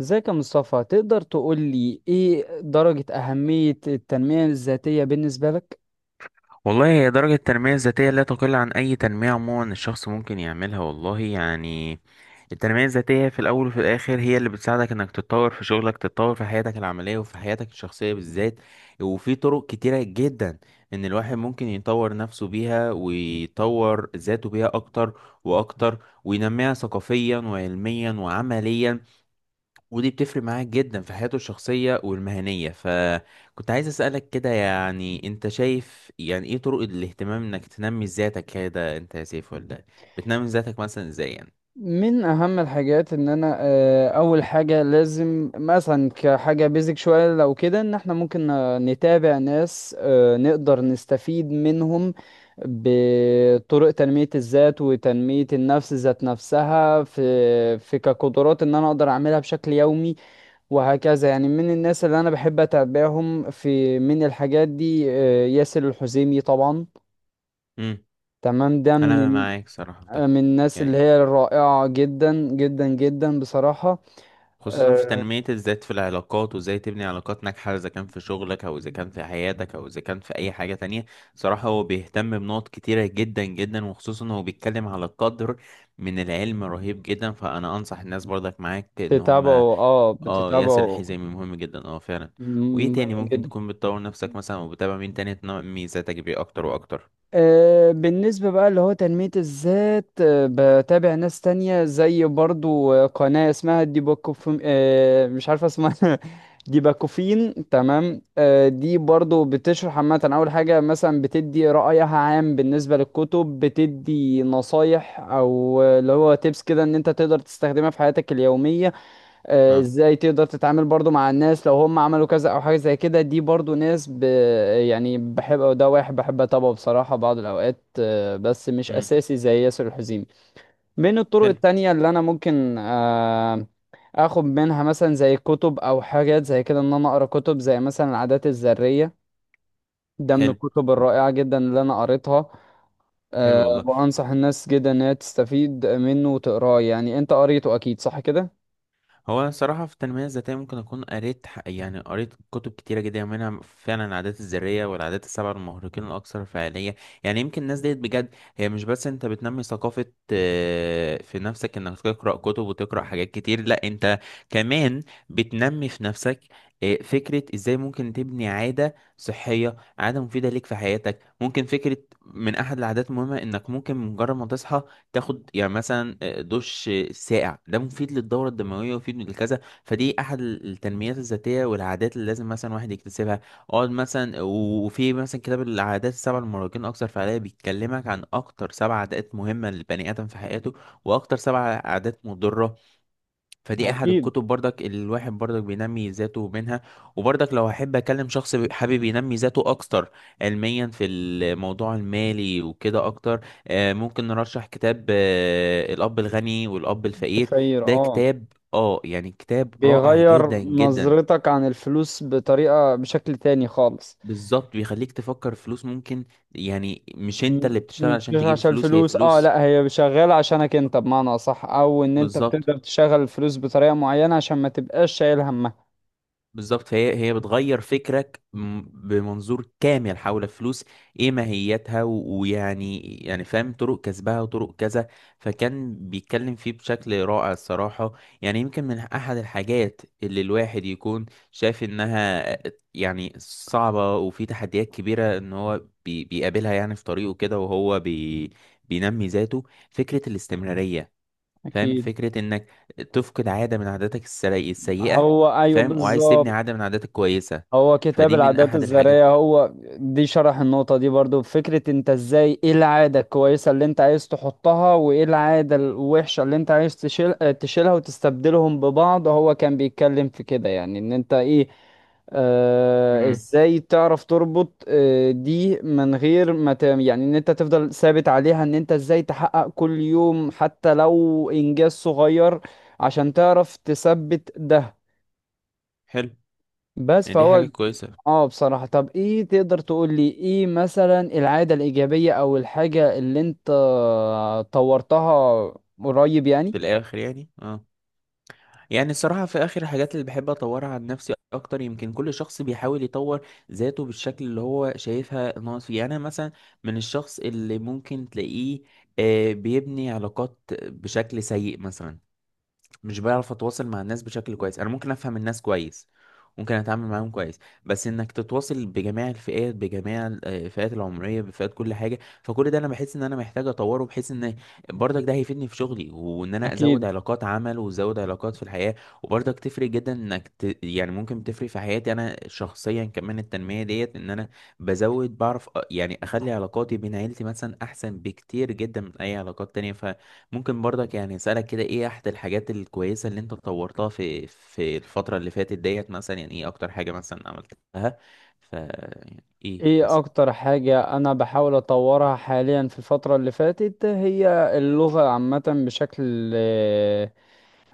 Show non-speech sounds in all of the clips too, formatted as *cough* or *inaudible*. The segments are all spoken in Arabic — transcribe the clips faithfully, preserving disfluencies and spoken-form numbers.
ازيك يا مصطفى؟ تقدر تقول لي ايه درجة أهمية التنمية الذاتية بالنسبة لك؟ والله هي درجة التنمية الذاتية لا تقل عن أي تنمية عموما. الشخص ممكن يعملها والله. يعني التنمية الذاتية في الأول وفي الآخر هي اللي بتساعدك إنك تتطور في شغلك، تتطور في حياتك العملية وفي حياتك الشخصية بالذات، وفي طرق كتيرة جدا إن الواحد ممكن يطور نفسه بيها ويطور ذاته بيها أكتر وأكتر، وينميها ثقافيا وعلميا وعمليا. ودي بتفرق معاك جدا في حياته الشخصية والمهنية. فكنت عايز أسألك كده، يعني انت شايف يعني ايه طرق الاهتمام انك تنمي ذاتك كده انت يا سيف؟ ولا بتنمي ذاتك مثلا ازاي يعني؟ من أهم الحاجات إن أنا آه، أول حاجة لازم مثلا كحاجة بيزك شوية لو كده إن إحنا ممكن آه، نتابع ناس آه، نقدر نستفيد منهم بطرق تنمية الذات وتنمية النفس ذات نفسها في في كقدرات إن أنا أقدر أعملها بشكل يومي. وهكذا يعني من الناس اللي انا بحب اتابعهم في من الحاجات دي آه، ياسر الحزيمي طبعا. امم تمام، ده انا من معاك صراحة في آه، ده. من الناس اللي يعني هي الرائعة جدا جدا جدا بصراحة. خصوصا في آه، تنمية الذات في العلاقات، وازاي تبني علاقات ناجحة، اذا كان في شغلك او اذا كان في حياتك او اذا كان في اي حاجة تانية. صراحة هو بيهتم بنقط كتيرة جدا جدا، وخصوصا هو بيتكلم على قدر من العلم رهيب جدا. فانا انصح الناس برضك معاك ان بتتابعه؟ هم، اه اه، ياسر بتتابعه، الحزامي مهم جدا، اه فعلا. وايه مهم تاني ممكن جدا. تكون بتطور نفسك مثلا وبتابع مين تاني تنمي ذاتك بيه اكتر واكتر؟ آه، بالنسبة بقى اللي هو تنمية الذات، آه، بتابع ناس تانية زي برضو آه، قناة اسمها ديباكوف، آه، مش عارف اسمها *laughs* ديباكوفين، تمام. آه، دي برضو بتشرح عامة، أول حاجة مثلا بتدي رأيها عام بالنسبة للكتب، بتدي نصايح أو آه، اللي هو تيبس كده إن أنت تقدر تستخدمها في حياتك اليومية. آه، اه. ازاي تقدر تتعامل برضو مع الناس لو هم عملوا كذا او حاجة زي كده، دي برضو ناس ب... يعني بحب ده، واحد بحب اتابعه بصراحة بعض الاوقات، آه، بس مش امم اساسي زي ياسر الحزيمي. من الطرق حلو. التانية اللي انا ممكن آه، اخد منها مثلا زي كتب او حاجات زي كده، ان انا اقرا كتب زي مثلا العادات الذرية. ده من حلو. الكتب الرائعة جدا اللي انا قريتها. أه، حلو والله. وانصح الناس جدا ان هي تستفيد منه وتقراه. يعني انت قريته اكيد، صح كده؟ هو أنا صراحة في التنمية الذاتية ممكن أكون قريت ح- يعني قريت كتب كتيرة جدا، منها فعلا العادات الذرية والعادات السبعة المهرقين الأكثر فعالية. يعني يمكن الناس ديت بجد، هي مش بس أنت بتنمي ثقافة آه، في نفسك إنك تقرأ كتب وتقرأ حاجات كتير. لأ، أنت كمان بتنمي في نفسك آه، فكرة إزاي ممكن تبني عادة صحية، عادة مفيدة ليك في حياتك. ممكن فكرة من أحد العادات المهمة إنك ممكن مجرد ما تصحى، تاخد يعني مثلا آه، دش ساقع. ده مفيد للدوره الدمويه ومفيد للكذا. فدي احد التنميات الذاتيه والعادات اللي لازم مثلا واحد يكتسبها. اقعد مثلا، وفي مثلا كتاب العادات السبع للمراهقين اكثر فعاليه، بيتكلمك عن اكتر سبع عادات مهمه للبني ادم في حياته، واكتر سبع عادات مضره. فدي احد اكيد الكتب برضك اللي الواحد برضك بينمي ذاته منها. وبرضك لو احب اكلم شخص بي- حابب ينمي ذاته اكتر علميا في الموضوع المالي وكده اكتر، آه، ممكن نرشح كتاب آه، الاب الغني والاب الفقير. تخير، ده اه. كتاب، اه، يعني كتاب رائع جدا بيغير جدا. نظرتك عن الفلوس بطريقة، بشكل تاني خالص. بالظبط بيخليك تفكر فلوس ممكن، يعني مش انت م- اللي بتشتغل م- عشان مش تجيب عشان فلوس، هي الفلوس، اه فلوس. لا، هي شغالة عشانك انت، بمعنى اصح، او ان انت بالظبط بتقدر تشغل الفلوس بطريقة معينة عشان ما تبقاش شايل همها. بالظبط. فهي هي بتغير فكرك م- بمنظور كامل حول الفلوس، ايه ماهيتها و- ويعني يعني فاهم طرق كسبها وطرق كذا. فكان بيتكلم فيه بشكل رائع الصراحة. يعني يمكن من احد الحاجات اللي الواحد يكون شايف انها يعني صعبة، وفي تحديات كبيرة ان هو بي- بيقابلها يعني في طريقه كده، وهو بي بينمي ذاته. فكرة الاستمرارية، فاهم، اكيد. فكرة انك تفقد عادة من عاداتك السري- السيئة هو ايوه فاهم، وعايز تبني بالظبط. عادة من عاداتك كويسة. هو كتاب فدي من العادات احد الذرية الحاجات. هو دي، شرح النقطة دي برضو، فكرة انت ازاي، ايه العادة الكويسة اللي انت عايز تحطها وايه العادة الوحشة اللي انت عايز تشيل اه، تشيلها وتستبدلهم ببعض. هو كان بيتكلم في كده يعني، ان انت ايه، آه، امم. ازاي تعرف تربط آه دي من غير ما ت... يعني، ان انت تفضل ثابت عليها، ان انت ازاي تحقق كل يوم حتى لو انجاز صغير عشان تعرف تثبت ده. حلو. بس يعني دي فهو، حاجة كويسة. اه، بصراحة. طب ايه تقدر تقول لي ايه مثلا العادة الإيجابية او الحاجة اللي انت طورتها قريب يعني؟ في الاخر يعني اه، يعني الصراحة في اخر الحاجات اللي بحب اطورها عن نفسي اكتر، يمكن كل شخص بيحاول يطور ذاته بالشكل اللي هو شايفها ناقص فيه. يعني انا مثلا من الشخص اللي ممكن تلاقيه آه، بيبني علاقات بشكل سيء مثلا، مش بعرف اتواصل مع الناس بشكل كويس. انا ممكن افهم الناس كويس، ممكن اتعامل معاهم كويس، بس انك تتواصل بجميع الفئات، بجميع ال- آه، الفئات العمريه، بفئات كل حاجه، فكل ده انا بحس ان انا محتاج اطوره، بحيث ان برضك ده هيفيدني في شغلي، وان انا ازود أكيد. علاقات عمل وازود علاقات في الحياه. وبرضك تفرق جدا انك ت... يعني ممكن تفرق في حياتي انا شخصيا كمان التنميه ديت، ان انا بزود بعرف أ- يعني اخلي علاقاتي بين عيلتي مثلا احسن بكتير جدا من اي علاقات تانية. ف ممكن برضك يعني اسالك كده، ايه احد الحاجات الكويسه اللي انت طورتها في في الفتره اللي فاتت ديت مثلا؟ يعني ايه اكتر حاجه مثلا عملتها ف يعني ايه ايه مثلا؟ اكتر حاجة انا بحاول اطورها حاليا في الفترة اللي فاتت، هي اللغة عامة بشكل،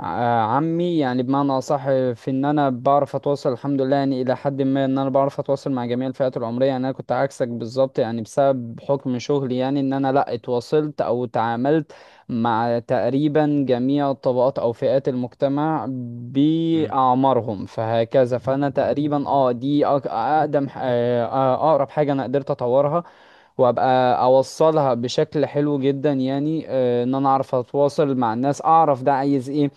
ع- عمي يعني بمعنى أصح، في إن أنا بعرف أتواصل الحمد لله، يعني إلى حد ما إن أنا بعرف أتواصل مع جميع الفئات العمرية. يعني أنا كنت عكسك بالظبط، يعني بسبب حكم شغلي يعني، إن أنا لأ اتواصلت أو تعاملت مع تقريبا جميع الطبقات أو فئات المجتمع امم. بأعمارهم، فهكذا. فأنا تقريبا أه دي أق- أقدم ح- آه، آه، أقرب حاجة أنا قدرت أطورها وابقى اوصلها بشكل حلو جدا يعني. آه، ان انا اعرف اتواصل مع الناس، اعرف ده عايز ايه،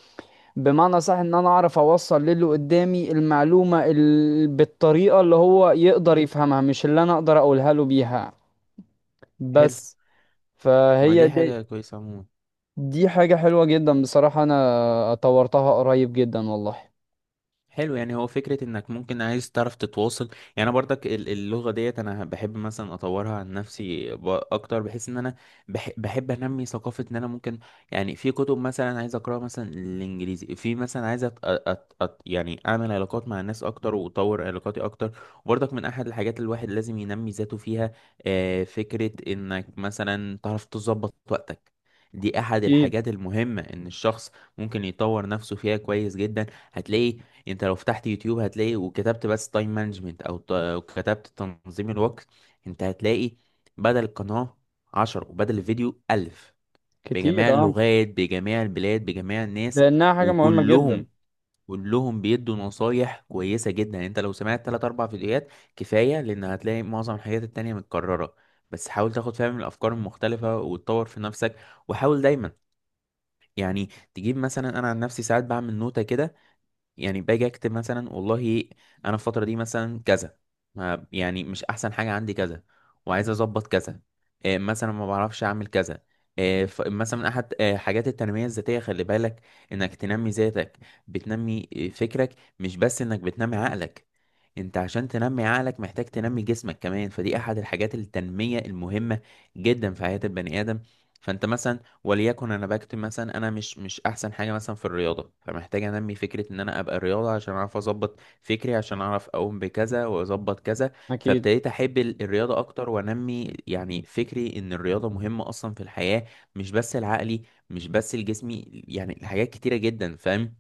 بمعنى صح، ان انا اعرف اوصل للي قدامي المعلومة ال... بالطريقة اللي هو يقدر يفهمها، مش اللي انا اقدر اقولها له بيها حلو. بس. ما فهي دي دي، حاجه كويسه عموما. دي حاجة حلوة جدا بصراحة، انا طورتها قريب جدا والله. حلو، يعني هو فكرة انك ممكن عايز تعرف تتواصل. يعني انا برضك ال- اللغة ديت انا بحب مثلا اطورها عن نفسي ب- اكتر، بحيث ان انا بح- بحب انمي ثقافة ان انا ممكن، يعني في كتب مثلا عايز اقراها مثلا الانجليزي، في مثلا عايز أت أت أت يعني اعمل علاقات مع الناس اكتر واطور علاقاتي اكتر. وبرضك من احد الحاجات اللي الواحد لازم ينمي ذاته فيها آه، فكرة انك مثلا تعرف تظبط وقتك. دي احد اكيد. الحاجات المهمة ان الشخص ممكن يطور نفسه فيها كويس جدا. هتلاقي، يعني انت لو فتحت يوتيوب هتلاقي، وكتبت بس تايم مانجمنت او ت- أو كتبت تنظيم الوقت، انت هتلاقي بدل القناة عشرة وبدل الفيديو ألف، بجميع كتير اه، اللغات، بجميع البلاد، بجميع الناس. لانها حاجه مهمه جدا. وكلهم كلهم بيدوا نصايح كويسة جدا. يعني انت لو سمعت تلات أربع فيديوهات كفاية، لأن هتلاقي معظم الحاجات التانية متكررة. بس حاول تاخد فيها من الأفكار المختلفة وتطور في نفسك. وحاول دايما، يعني تجيب مثلا، أنا عن نفسي ساعات بعمل نوتة كده، يعني باجي اكتب مثلا والله انا الفتره دي مثلا كذا، ما- يعني مش احسن حاجه عندي كذا، وعايز اظبط كذا، آه، مثلا ما بعرفش اعمل كذا، آه، ف- مثلا احد آه، حاجات التنميه الذاتيه. خلي بالك انك تنمي ذاتك، بتنمي آه، فكرك، مش بس انك بتنمي عقلك. انت عشان تنمي عقلك محتاج تنمي جسمك كمان. فدي احد الحاجات التنميه المهمه جدا في حياه البني ادم. فانت مثلا، وليكن انا بكتب مثلا، انا مش مش احسن حاجه مثلا في الرياضه، فمحتاج انمي فكره ان انا ابقى رياضه عشان اعرف اظبط فكري، عشان اعرف اقوم بكذا واظبط كذا. اكيد. فابتديت احب ال- الرياضه اكتر، وانمي يعني فكري ان الرياضه مهمه اصلا في الحياه، مش بس العقلي، مش بس الجسمي. يعني حاجات كتيره جدا فاهم.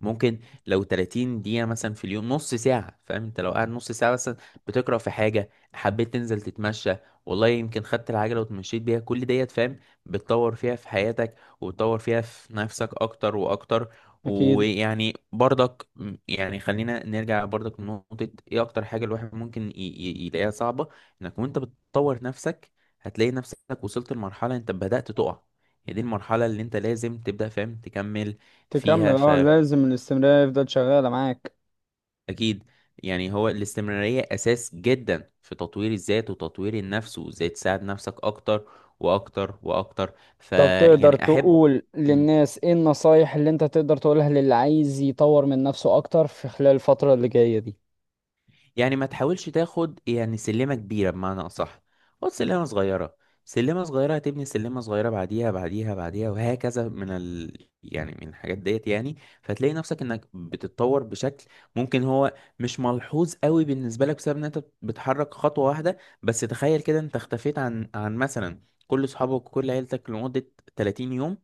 ممكن لو ثلاتين دقيقة مثلا في اليوم، نص ساعة، فاهم انت لو قاعد نص ساعة مثلا بتقرأ في حاجة، حبيت تنزل تتمشى والله، يمكن خدت العجلة وتمشيت بيها، كل ديت فاهم بتطور فيها في حياتك، وتطور فيها في نفسك أكتر وأكتر. اكيد، ويعني برضك م- يعني خلينا نرجع برضك لنقطة، ايه أكتر حاجة الواحد ممكن ي- ي- يلاقيها صعبة؟ انك وانت بتطور نفسك هتلاقي نفسك وصلت لمرحلة انت بدأت تقع. هي دي المرحلة اللي انت لازم تبدأ فاهم تكمل تكمل، فيها. اه لازم الاستمراريه يفضل شغاله معاك. أكيد، يعني هو الاستمرارية أساس جدا في تطوير الذات وتطوير النفس، وإزاي تساعد نفسك أكتر وأكتر وأكتر. طب تقدر فيعني أحب. تقول إمم. للناس ايه النصايح اللي انت تقدر تقولها للي عايز يطور من نفسه اكتر في خلال الفترة اللي جاية دي؟ يعني ما تحاولش تاخد يعني سلمة كبيرة، بمعنى أصح خد سلمة صغيرة. سلمة صغيرة هتبني سلمة صغيرة، بعديها بعديها بعديها وهكذا، من ال... يعني من الحاجات ديت. يعني فتلاقي نفسك انك بتتطور بشكل، ممكن هو مش ملحوظ قوي بالنسبة لك بسبب ان انت بتحرك خطوة واحدة. بس تخيل كده، انت اختفيت عن عن مثلا كل اصحابك وكل عيلتك لمدة ثلاتين يوم،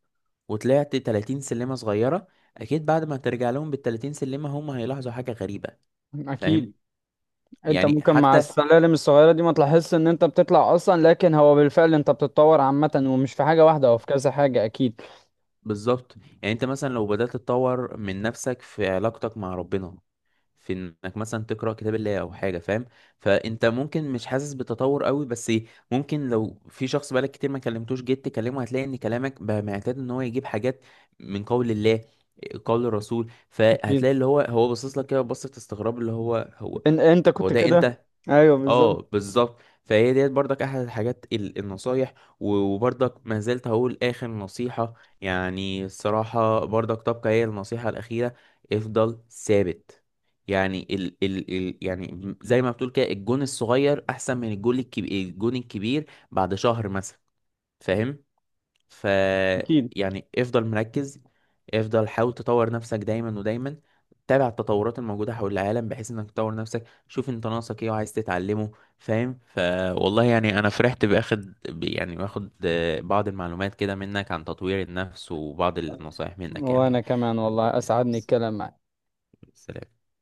وطلعت ثلاتين سلمة صغيرة، اكيد بعد ما ترجع لهم بال ثلاتين سلمة هم هيلاحظوا حاجة غريبة فاهم. اكيد. انت يعني ممكن مع حتى السلالم الصغيره دي ما تلاحظش ان انت بتطلع اصلا، لكن هو بالفعل انت بتتطور عامه، ومش في حاجه واحده، هو في كذا حاجه اكيد. بالظبط، يعني انت مثلا لو بدأت تطور من نفسك في علاقتك مع ربنا، في انك مثلا تقرأ كتاب الله او حاجة فاهم، فانت ممكن مش حاسس بتطور قوي، بس ممكن لو في شخص بقالك كتير ما كلمتوش جيت تكلمه، هتلاقي ان كلامك بقى معتاد ان هو يجيب حاجات من قول الله، قول الرسول. اكيد. فهتلاقي اللي هو هو باصص لك كده بصة استغراب، اللي هو هو ان انت هو كنت ده كده، انت. ايوه اه بالظبط. بالظبط. فهي ديت برضك احد الحاجات ال- النصايح. و- وبرضك ما زلت هقول اخر نصيحة، يعني الصراحة برضك تبقى هي النصيحة الاخيرة، افضل ثابت. يعني ال ال ال يعني زي ما بتقول كده، الجون الصغير احسن من الجون الكبير، الجون الكبير بعد شهر مثلا فاهم ف. اكيد. يعني افضل مركز، افضل حاول تطور نفسك دايما ودايما، تابع التطورات الموجودة حول العالم بحيث انك تطور نفسك، شوف انت ناقصك ايه وعايز تتعلمه فاهم. فوالله يعني انا فرحت باخد ب- يعني باخد آه، بعض المعلومات كده منك عن تطوير النفس، وبعض النصايح منك وانا يعني. كمان والله اسعدني الكلام معاك. سلام.